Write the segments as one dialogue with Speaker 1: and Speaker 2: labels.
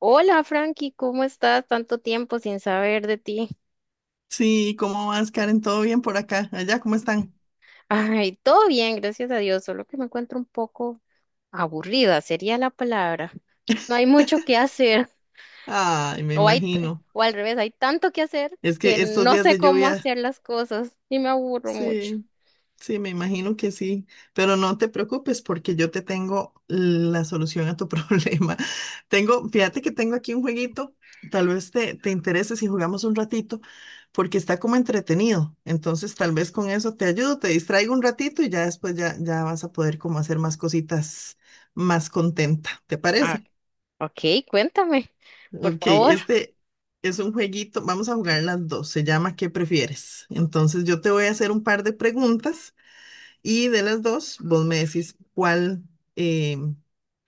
Speaker 1: Hola Frankie, ¿cómo estás? Tanto tiempo sin saber de ti.
Speaker 2: Sí, ¿cómo vas, Karen? ¿Todo bien por acá? Allá, ¿cómo están?
Speaker 1: Ay, todo bien, gracias a Dios, solo que me encuentro un poco aburrida, sería la palabra. No hay mucho que hacer.
Speaker 2: Ay, me
Speaker 1: O hay,
Speaker 2: imagino.
Speaker 1: o al revés, hay tanto que hacer
Speaker 2: Es
Speaker 1: que
Speaker 2: que estos
Speaker 1: no
Speaker 2: días
Speaker 1: sé
Speaker 2: de
Speaker 1: cómo
Speaker 2: lluvia,
Speaker 1: hacer las cosas y me aburro mucho.
Speaker 2: sí, sí, me imagino que sí. Pero no te preocupes porque yo te tengo la solución a tu problema. Tengo, fíjate que tengo aquí un jueguito. Tal vez te interese si jugamos un ratito porque está como entretenido. Entonces, tal vez con eso te ayudo, te distraigo un ratito y ya después ya vas a poder como hacer más cositas más contenta. ¿Te
Speaker 1: Ah,
Speaker 2: parece?
Speaker 1: ok, cuéntame, por
Speaker 2: Ok,
Speaker 1: favor.
Speaker 2: este es un jueguito, vamos a jugar las dos, se llama ¿Qué prefieres? Entonces yo te voy a hacer un par de preguntas y de las dos vos me decís cuál, eh,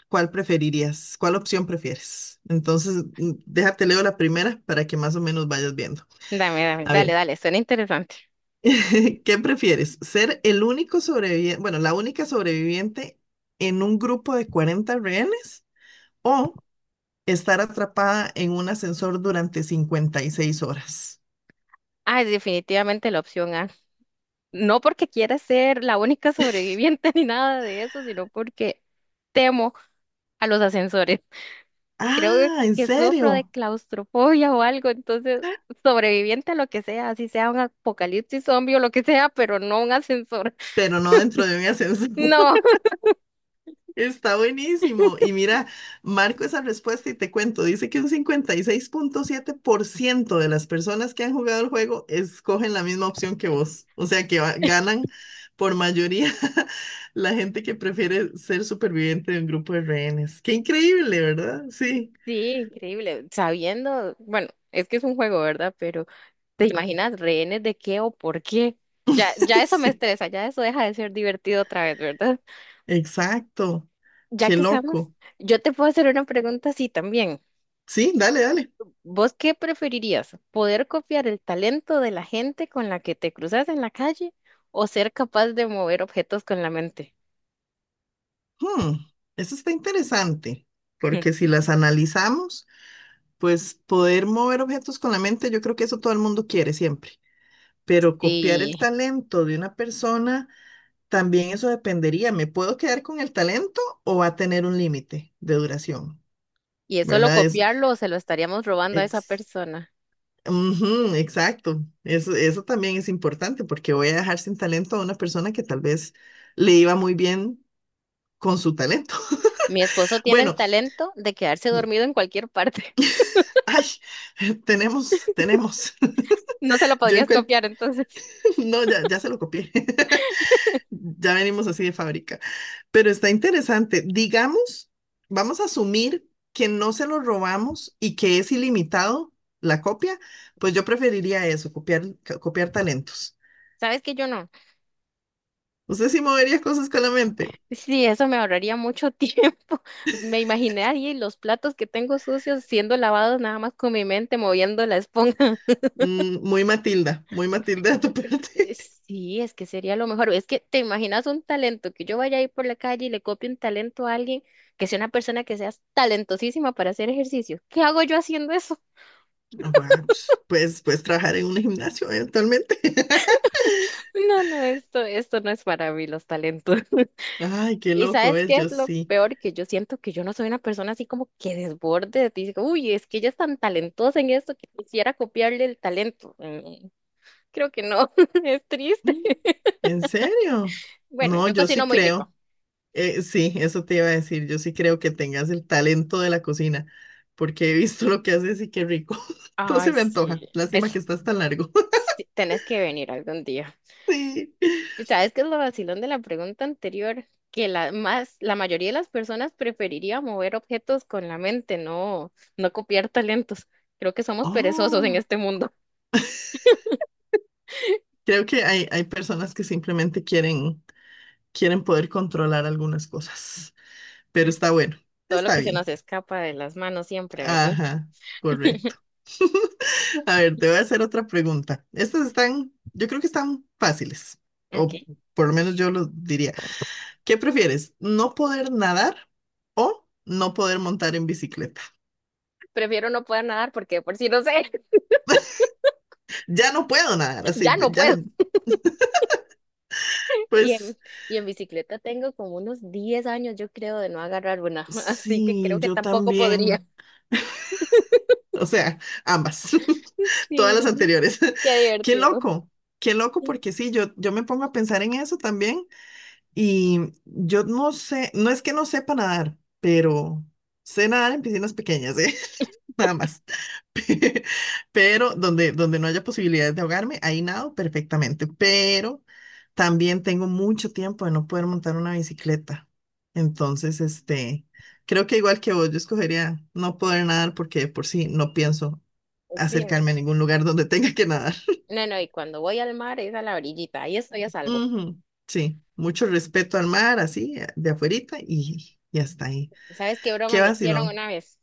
Speaker 2: cuál preferirías, cuál opción prefieres. Entonces déjate leo la primera para que más o menos vayas viendo.
Speaker 1: Dame, dame,
Speaker 2: A
Speaker 1: dale,
Speaker 2: ver,
Speaker 1: dale, suena interesante.
Speaker 2: ¿qué prefieres? ¿Ser el único sobreviviente, bueno, la única sobreviviente en un grupo de 40 rehenes o estar atrapada en un ascensor durante 56 horas?
Speaker 1: Ay, definitivamente la opción A. No porque quiera ser la única sobreviviente ni nada de eso, sino porque temo a los ascensores. Creo
Speaker 2: Ah, ¿en
Speaker 1: que sufro de
Speaker 2: serio?
Speaker 1: claustrofobia o algo, entonces sobreviviente a lo que sea, así sea un apocalipsis zombie o lo que sea, pero no un ascensor.
Speaker 2: Pero no dentro de un ascensor.
Speaker 1: No,
Speaker 2: Está buenísimo. Y mira, marco esa respuesta y te cuento. Dice que un 56,7% de las personas que han jugado el juego escogen la misma opción que vos. O sea que ganan por mayoría la gente que prefiere ser superviviente de un grupo de rehenes. Qué increíble, ¿verdad? Sí,
Speaker 1: sí, increíble. Sabiendo, bueno, es que es un juego, ¿verdad? Pero ¿te imaginas rehenes de qué o por qué? Ya, ya eso me
Speaker 2: sí,
Speaker 1: estresa, ya eso deja de ser divertido otra vez, ¿verdad?
Speaker 2: exacto.
Speaker 1: Ya
Speaker 2: Qué
Speaker 1: que estamos,
Speaker 2: loco.
Speaker 1: yo te puedo hacer una pregunta así también.
Speaker 2: Sí, dale, dale.
Speaker 1: ¿Vos qué preferirías? ¿Poder copiar el talento de la gente con la que te cruzas en la calle o ser capaz de mover objetos con la mente?
Speaker 2: Hmm, eso está interesante, porque si las analizamos, pues poder mover objetos con la mente, yo creo que eso todo el mundo quiere siempre, pero copiar
Speaker 1: Sí,
Speaker 2: el talento de una persona, también eso dependería. ¿Me puedo quedar con el talento o va a tener un límite de duración?
Speaker 1: y es solo
Speaker 2: ¿Verdad?
Speaker 1: copiarlo o se lo estaríamos robando a esa
Speaker 2: Ex-
Speaker 1: persona.
Speaker 2: ujú, exacto. Eso también es importante, porque voy a dejar sin talento a una persona que tal vez le iba muy bien con su talento.
Speaker 1: Mi esposo tiene el
Speaker 2: Bueno.
Speaker 1: talento de quedarse dormido en cualquier parte.
Speaker 2: Ay, tenemos.
Speaker 1: No se lo
Speaker 2: Yo en
Speaker 1: podrías
Speaker 2: cualquier…
Speaker 1: copiar, entonces.
Speaker 2: No, ya se lo copié. Ya venimos así de fábrica. Pero está interesante. Digamos, vamos a asumir que no se lo robamos y que es ilimitado la copia. Pues yo preferiría eso, copiar, copiar talentos.
Speaker 1: ¿Sabes que yo no?
Speaker 2: Usted sí movería cosas con la mente.
Speaker 1: Sí, eso me ahorraría mucho tiempo. Me imaginé ahí los platos que tengo sucios siendo lavados nada más con mi mente moviendo la esponja.
Speaker 2: Mm, muy Matilda de tu parte.
Speaker 1: Sí, es que sería lo mejor. Es que te imaginas un talento, que yo vaya ahí por la calle y le copie un talento a alguien, que sea una persona que sea talentosísima para hacer ejercicio. ¿Qué hago yo haciendo eso?
Speaker 2: Ah, bueno, pues, puedes trabajar en un gimnasio eventualmente.
Speaker 1: No, no, esto no es para mí, los talentos.
Speaker 2: Ay, qué
Speaker 1: ¿Y
Speaker 2: loco
Speaker 1: sabes
Speaker 2: es,
Speaker 1: qué es
Speaker 2: yo
Speaker 1: lo
Speaker 2: sí.
Speaker 1: peor? Que yo siento que yo no soy una persona así como que desborde, dice, uy, es que ella es tan talentosa en esto que quisiera copiarle el talento. Creo que no, es triste.
Speaker 2: ¿En serio?
Speaker 1: Bueno,
Speaker 2: No,
Speaker 1: yo
Speaker 2: yo
Speaker 1: cocino
Speaker 2: sí
Speaker 1: muy rico.
Speaker 2: creo. Sí, eso te iba a decir. Yo sí creo que tengas el talento de la cocina, porque he visto lo que haces y qué rico. Todo se
Speaker 1: Ay,
Speaker 2: me antoja.
Speaker 1: sí,
Speaker 2: Lástima
Speaker 1: eso.
Speaker 2: que estás tan largo.
Speaker 1: Sí, tenés que venir algún día.
Speaker 2: Sí.
Speaker 1: Pues, ¿sabes qué es lo vacilón de la pregunta anterior? Que la mayoría de las personas preferiría mover objetos con la mente, no, no copiar talentos. Creo que somos perezosos en
Speaker 2: Oh,
Speaker 1: este mundo.
Speaker 2: creo que hay personas que simplemente quieren poder controlar algunas cosas, pero está bueno,
Speaker 1: Todo lo
Speaker 2: está
Speaker 1: que se
Speaker 2: bien.
Speaker 1: nos escapa de las manos siempre, ¿verdad?
Speaker 2: Ajá, correcto. A ver, te voy a hacer otra pregunta. Estas están, yo creo que están fáciles,
Speaker 1: Ok.
Speaker 2: o por lo menos yo lo diría. ¿Qué prefieres? ¿No poder nadar o no poder montar en bicicleta?
Speaker 1: Prefiero no poder nadar porque de por si no sé,
Speaker 2: Ya no puedo nadar, así,
Speaker 1: ya no
Speaker 2: ya,
Speaker 1: puedo. Y
Speaker 2: pues
Speaker 1: en, y en bicicleta tengo como unos 10 años, yo creo, de no agarrar una. Así que
Speaker 2: sí,
Speaker 1: creo que
Speaker 2: yo
Speaker 1: tampoco podría.
Speaker 2: también. O sea, ambas, todas las
Speaker 1: Sí,
Speaker 2: anteriores.
Speaker 1: qué
Speaker 2: Qué
Speaker 1: divertido.
Speaker 2: loco, qué loco, porque sí, yo me pongo a pensar en eso también y yo no sé, no es que no sepa nadar, pero sé nadar en piscinas pequeñas, ¿eh? Nada más. Pero donde no haya posibilidades de ahogarme, ahí nado perfectamente. Pero también tengo mucho tiempo de no poder montar una bicicleta. Entonces, creo que igual que vos, yo escogería no poder nadar porque de por sí no pienso
Speaker 1: Sí,
Speaker 2: acercarme a ningún lugar donde tenga que nadar.
Speaker 1: no, no, y cuando voy al mar es a la orillita, ahí estoy a salvo.
Speaker 2: Ujú. Sí, mucho respeto al mar, así, de afuerita y hasta ahí.
Speaker 1: ¿Sabes qué broma
Speaker 2: Qué
Speaker 1: me hicieron
Speaker 2: vacilón.
Speaker 1: una vez?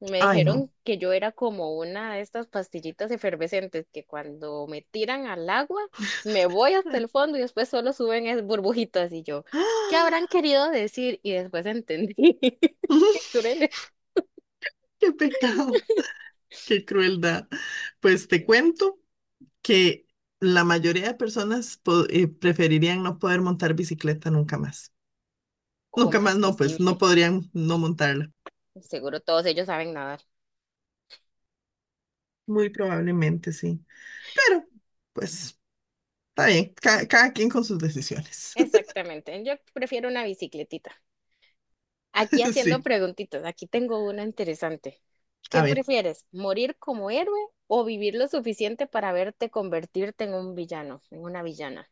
Speaker 1: Me
Speaker 2: Ay,
Speaker 1: dijeron
Speaker 2: no.
Speaker 1: que yo era como una de estas pastillitas efervescentes que cuando me tiran al agua, me voy hasta el fondo y después solo suben es burbujitas y yo, ¿qué habrán querido decir? Y después entendí. Qué crueles.
Speaker 2: Qué pecado, qué crueldad. Pues te cuento que la mayoría de personas preferirían no poder montar bicicleta nunca más. Nunca
Speaker 1: ¿Cómo
Speaker 2: más
Speaker 1: es
Speaker 2: no, pues no
Speaker 1: posible?
Speaker 2: podrían no montarla.
Speaker 1: Seguro todos ellos saben nadar.
Speaker 2: Muy probablemente sí. Pero, pues, está bien. Cada quien con sus decisiones.
Speaker 1: Exactamente. Yo prefiero una bicicletita. Aquí haciendo
Speaker 2: Sí.
Speaker 1: preguntitas, aquí tengo una interesante.
Speaker 2: A
Speaker 1: ¿Qué
Speaker 2: ver.
Speaker 1: prefieres, morir como héroe o vivir lo suficiente para verte convertirte en un villano, en una villana?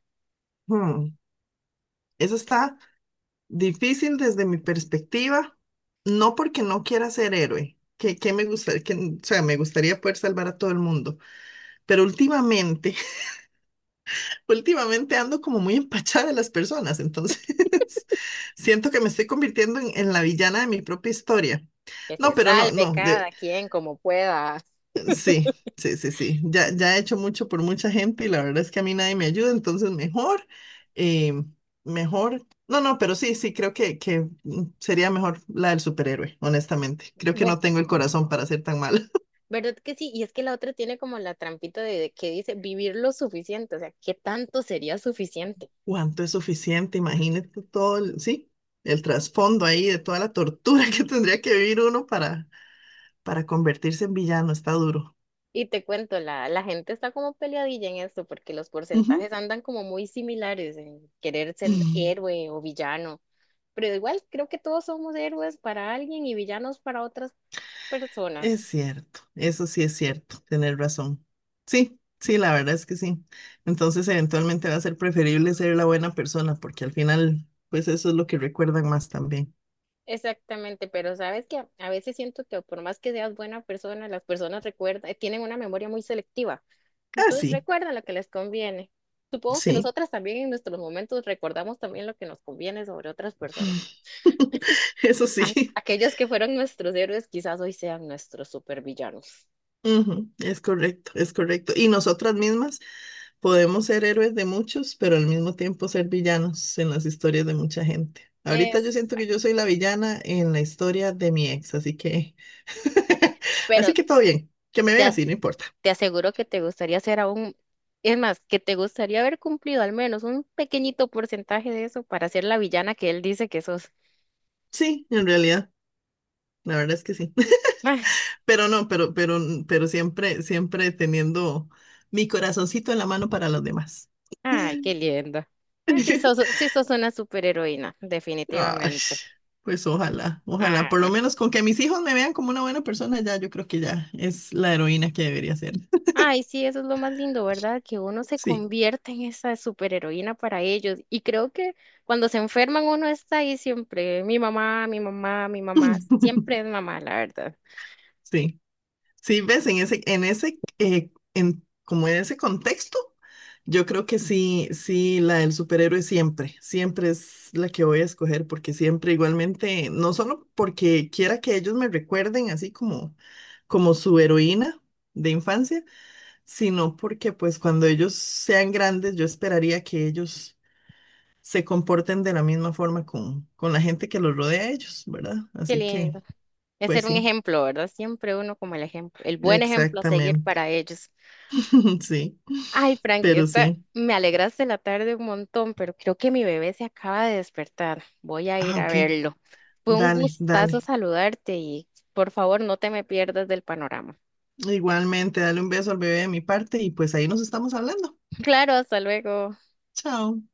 Speaker 2: hmm, Eso está difícil desde mi perspectiva. No porque no quiera ser héroe. Que me gustaría, que, o sea, me gustaría poder salvar a todo el mundo. Pero Últimamente ando como muy empachada de las personas, entonces siento que me estoy convirtiendo en la villana de mi propia historia.
Speaker 1: Que
Speaker 2: No,
Speaker 1: se
Speaker 2: pero no,
Speaker 1: salve
Speaker 2: no, de,
Speaker 1: cada quien como pueda.
Speaker 2: sí, sí, sí, sí. Ya he hecho mucho por mucha gente y la verdad es que a mí nadie me ayuda, entonces mejor, eh, mejor. No, no, pero sí, sí, creo que sería mejor la del superhéroe, honestamente. Creo que
Speaker 1: Ver-
Speaker 2: no tengo el corazón para ser tan mala.
Speaker 1: ¿Verdad que sí? Y es que la otra tiene como la trampita de que dice vivir lo suficiente, o sea, ¿qué tanto sería suficiente?
Speaker 2: ¿Cuánto es suficiente? Imagínate todo el, sí, el trasfondo ahí de toda la tortura que tendría que vivir uno para convertirse en villano. Está duro.
Speaker 1: Y te cuento, la gente está como peleadilla en esto porque los
Speaker 2: Ujú.
Speaker 1: porcentajes andan como muy similares en querer ser
Speaker 2: Mm,
Speaker 1: héroe o villano. Pero igual creo que todos somos héroes para alguien y villanos para otras
Speaker 2: Es
Speaker 1: personas.
Speaker 2: cierto, eso sí es cierto, tener razón. Sí, sí, la verdad es que sí. Entonces, eventualmente va a ser preferible ser la buena persona, porque al final, pues eso es lo que recuerdan más también.
Speaker 1: Exactamente, pero sabes que a veces siento que por más que seas buena persona, las personas recuerdan, tienen una memoria muy selectiva.
Speaker 2: Ah,
Speaker 1: Entonces
Speaker 2: sí,
Speaker 1: recuerdan lo que les conviene. Supongo que
Speaker 2: sí,
Speaker 1: nosotras también en nuestros momentos recordamos también lo que nos conviene sobre otras personas.
Speaker 2: eso
Speaker 1: Ay,
Speaker 2: sí.
Speaker 1: aquellos que fueron nuestros héroes quizás hoy sean nuestros supervillanos.
Speaker 2: Ujú. Es correcto, es correcto. Y nosotras mismas. Podemos ser héroes de muchos, pero al mismo tiempo ser villanos en las historias de mucha gente. Ahorita yo siento que yo
Speaker 1: Exacto.
Speaker 2: soy la villana en la historia de mi ex, así que, así
Speaker 1: Pero
Speaker 2: que todo bien. Que me vea
Speaker 1: te
Speaker 2: así, no importa.
Speaker 1: Te aseguro que te gustaría ser aún, es más, que te gustaría haber cumplido al menos un pequeñito porcentaje de eso para ser la villana que él dice que sos.
Speaker 2: Sí, en realidad, la verdad es que sí.
Speaker 1: Ay,
Speaker 2: Pero no, pero siempre, siempre teniendo mi corazoncito en la mano para los demás.
Speaker 1: ay, qué lindo. Sí sos una superheroína,
Speaker 2: Ay,
Speaker 1: definitivamente.
Speaker 2: pues ojalá, ojalá,
Speaker 1: Ah,
Speaker 2: por lo menos con que mis hijos me vean como una buena persona, ya yo creo que ya es la heroína que debería ser.
Speaker 1: ay, sí, eso es lo más lindo, ¿verdad? Que uno se
Speaker 2: Sí,
Speaker 1: convierte en esa superheroína para ellos. Y creo que cuando se enferman uno está ahí siempre, mi mamá, mi mamá, mi mamá, siempre es mamá, la verdad.
Speaker 2: sí, sí, ves, como en ese contexto, yo creo que sí, sí, la del superhéroe siempre, siempre es la que voy a escoger, porque siempre igualmente, no solo porque quiera que ellos me recuerden así como su heroína de infancia, sino porque pues cuando ellos sean grandes, yo esperaría que ellos se comporten de la misma forma con la gente que los rodea a ellos, ¿verdad?
Speaker 1: Qué
Speaker 2: Así que,
Speaker 1: lindo. Es
Speaker 2: pues
Speaker 1: ser un
Speaker 2: sí.
Speaker 1: ejemplo, ¿verdad? Siempre uno como el ejemplo, el buen ejemplo a seguir
Speaker 2: Exactamente.
Speaker 1: para ellos.
Speaker 2: Sí,
Speaker 1: Ay, Frankie,
Speaker 2: pero
Speaker 1: esta,
Speaker 2: sí.
Speaker 1: me alegraste la tarde un montón, pero creo que mi bebé se acaba de despertar. Voy a
Speaker 2: Ah,
Speaker 1: ir a
Speaker 2: ok.
Speaker 1: verlo. Fue un
Speaker 2: Dale,
Speaker 1: gustazo
Speaker 2: dale.
Speaker 1: saludarte y por favor no te me pierdas del panorama.
Speaker 2: Igualmente, dale un beso al bebé de mi parte y pues ahí nos estamos hablando.
Speaker 1: Claro, hasta luego.
Speaker 2: Chao.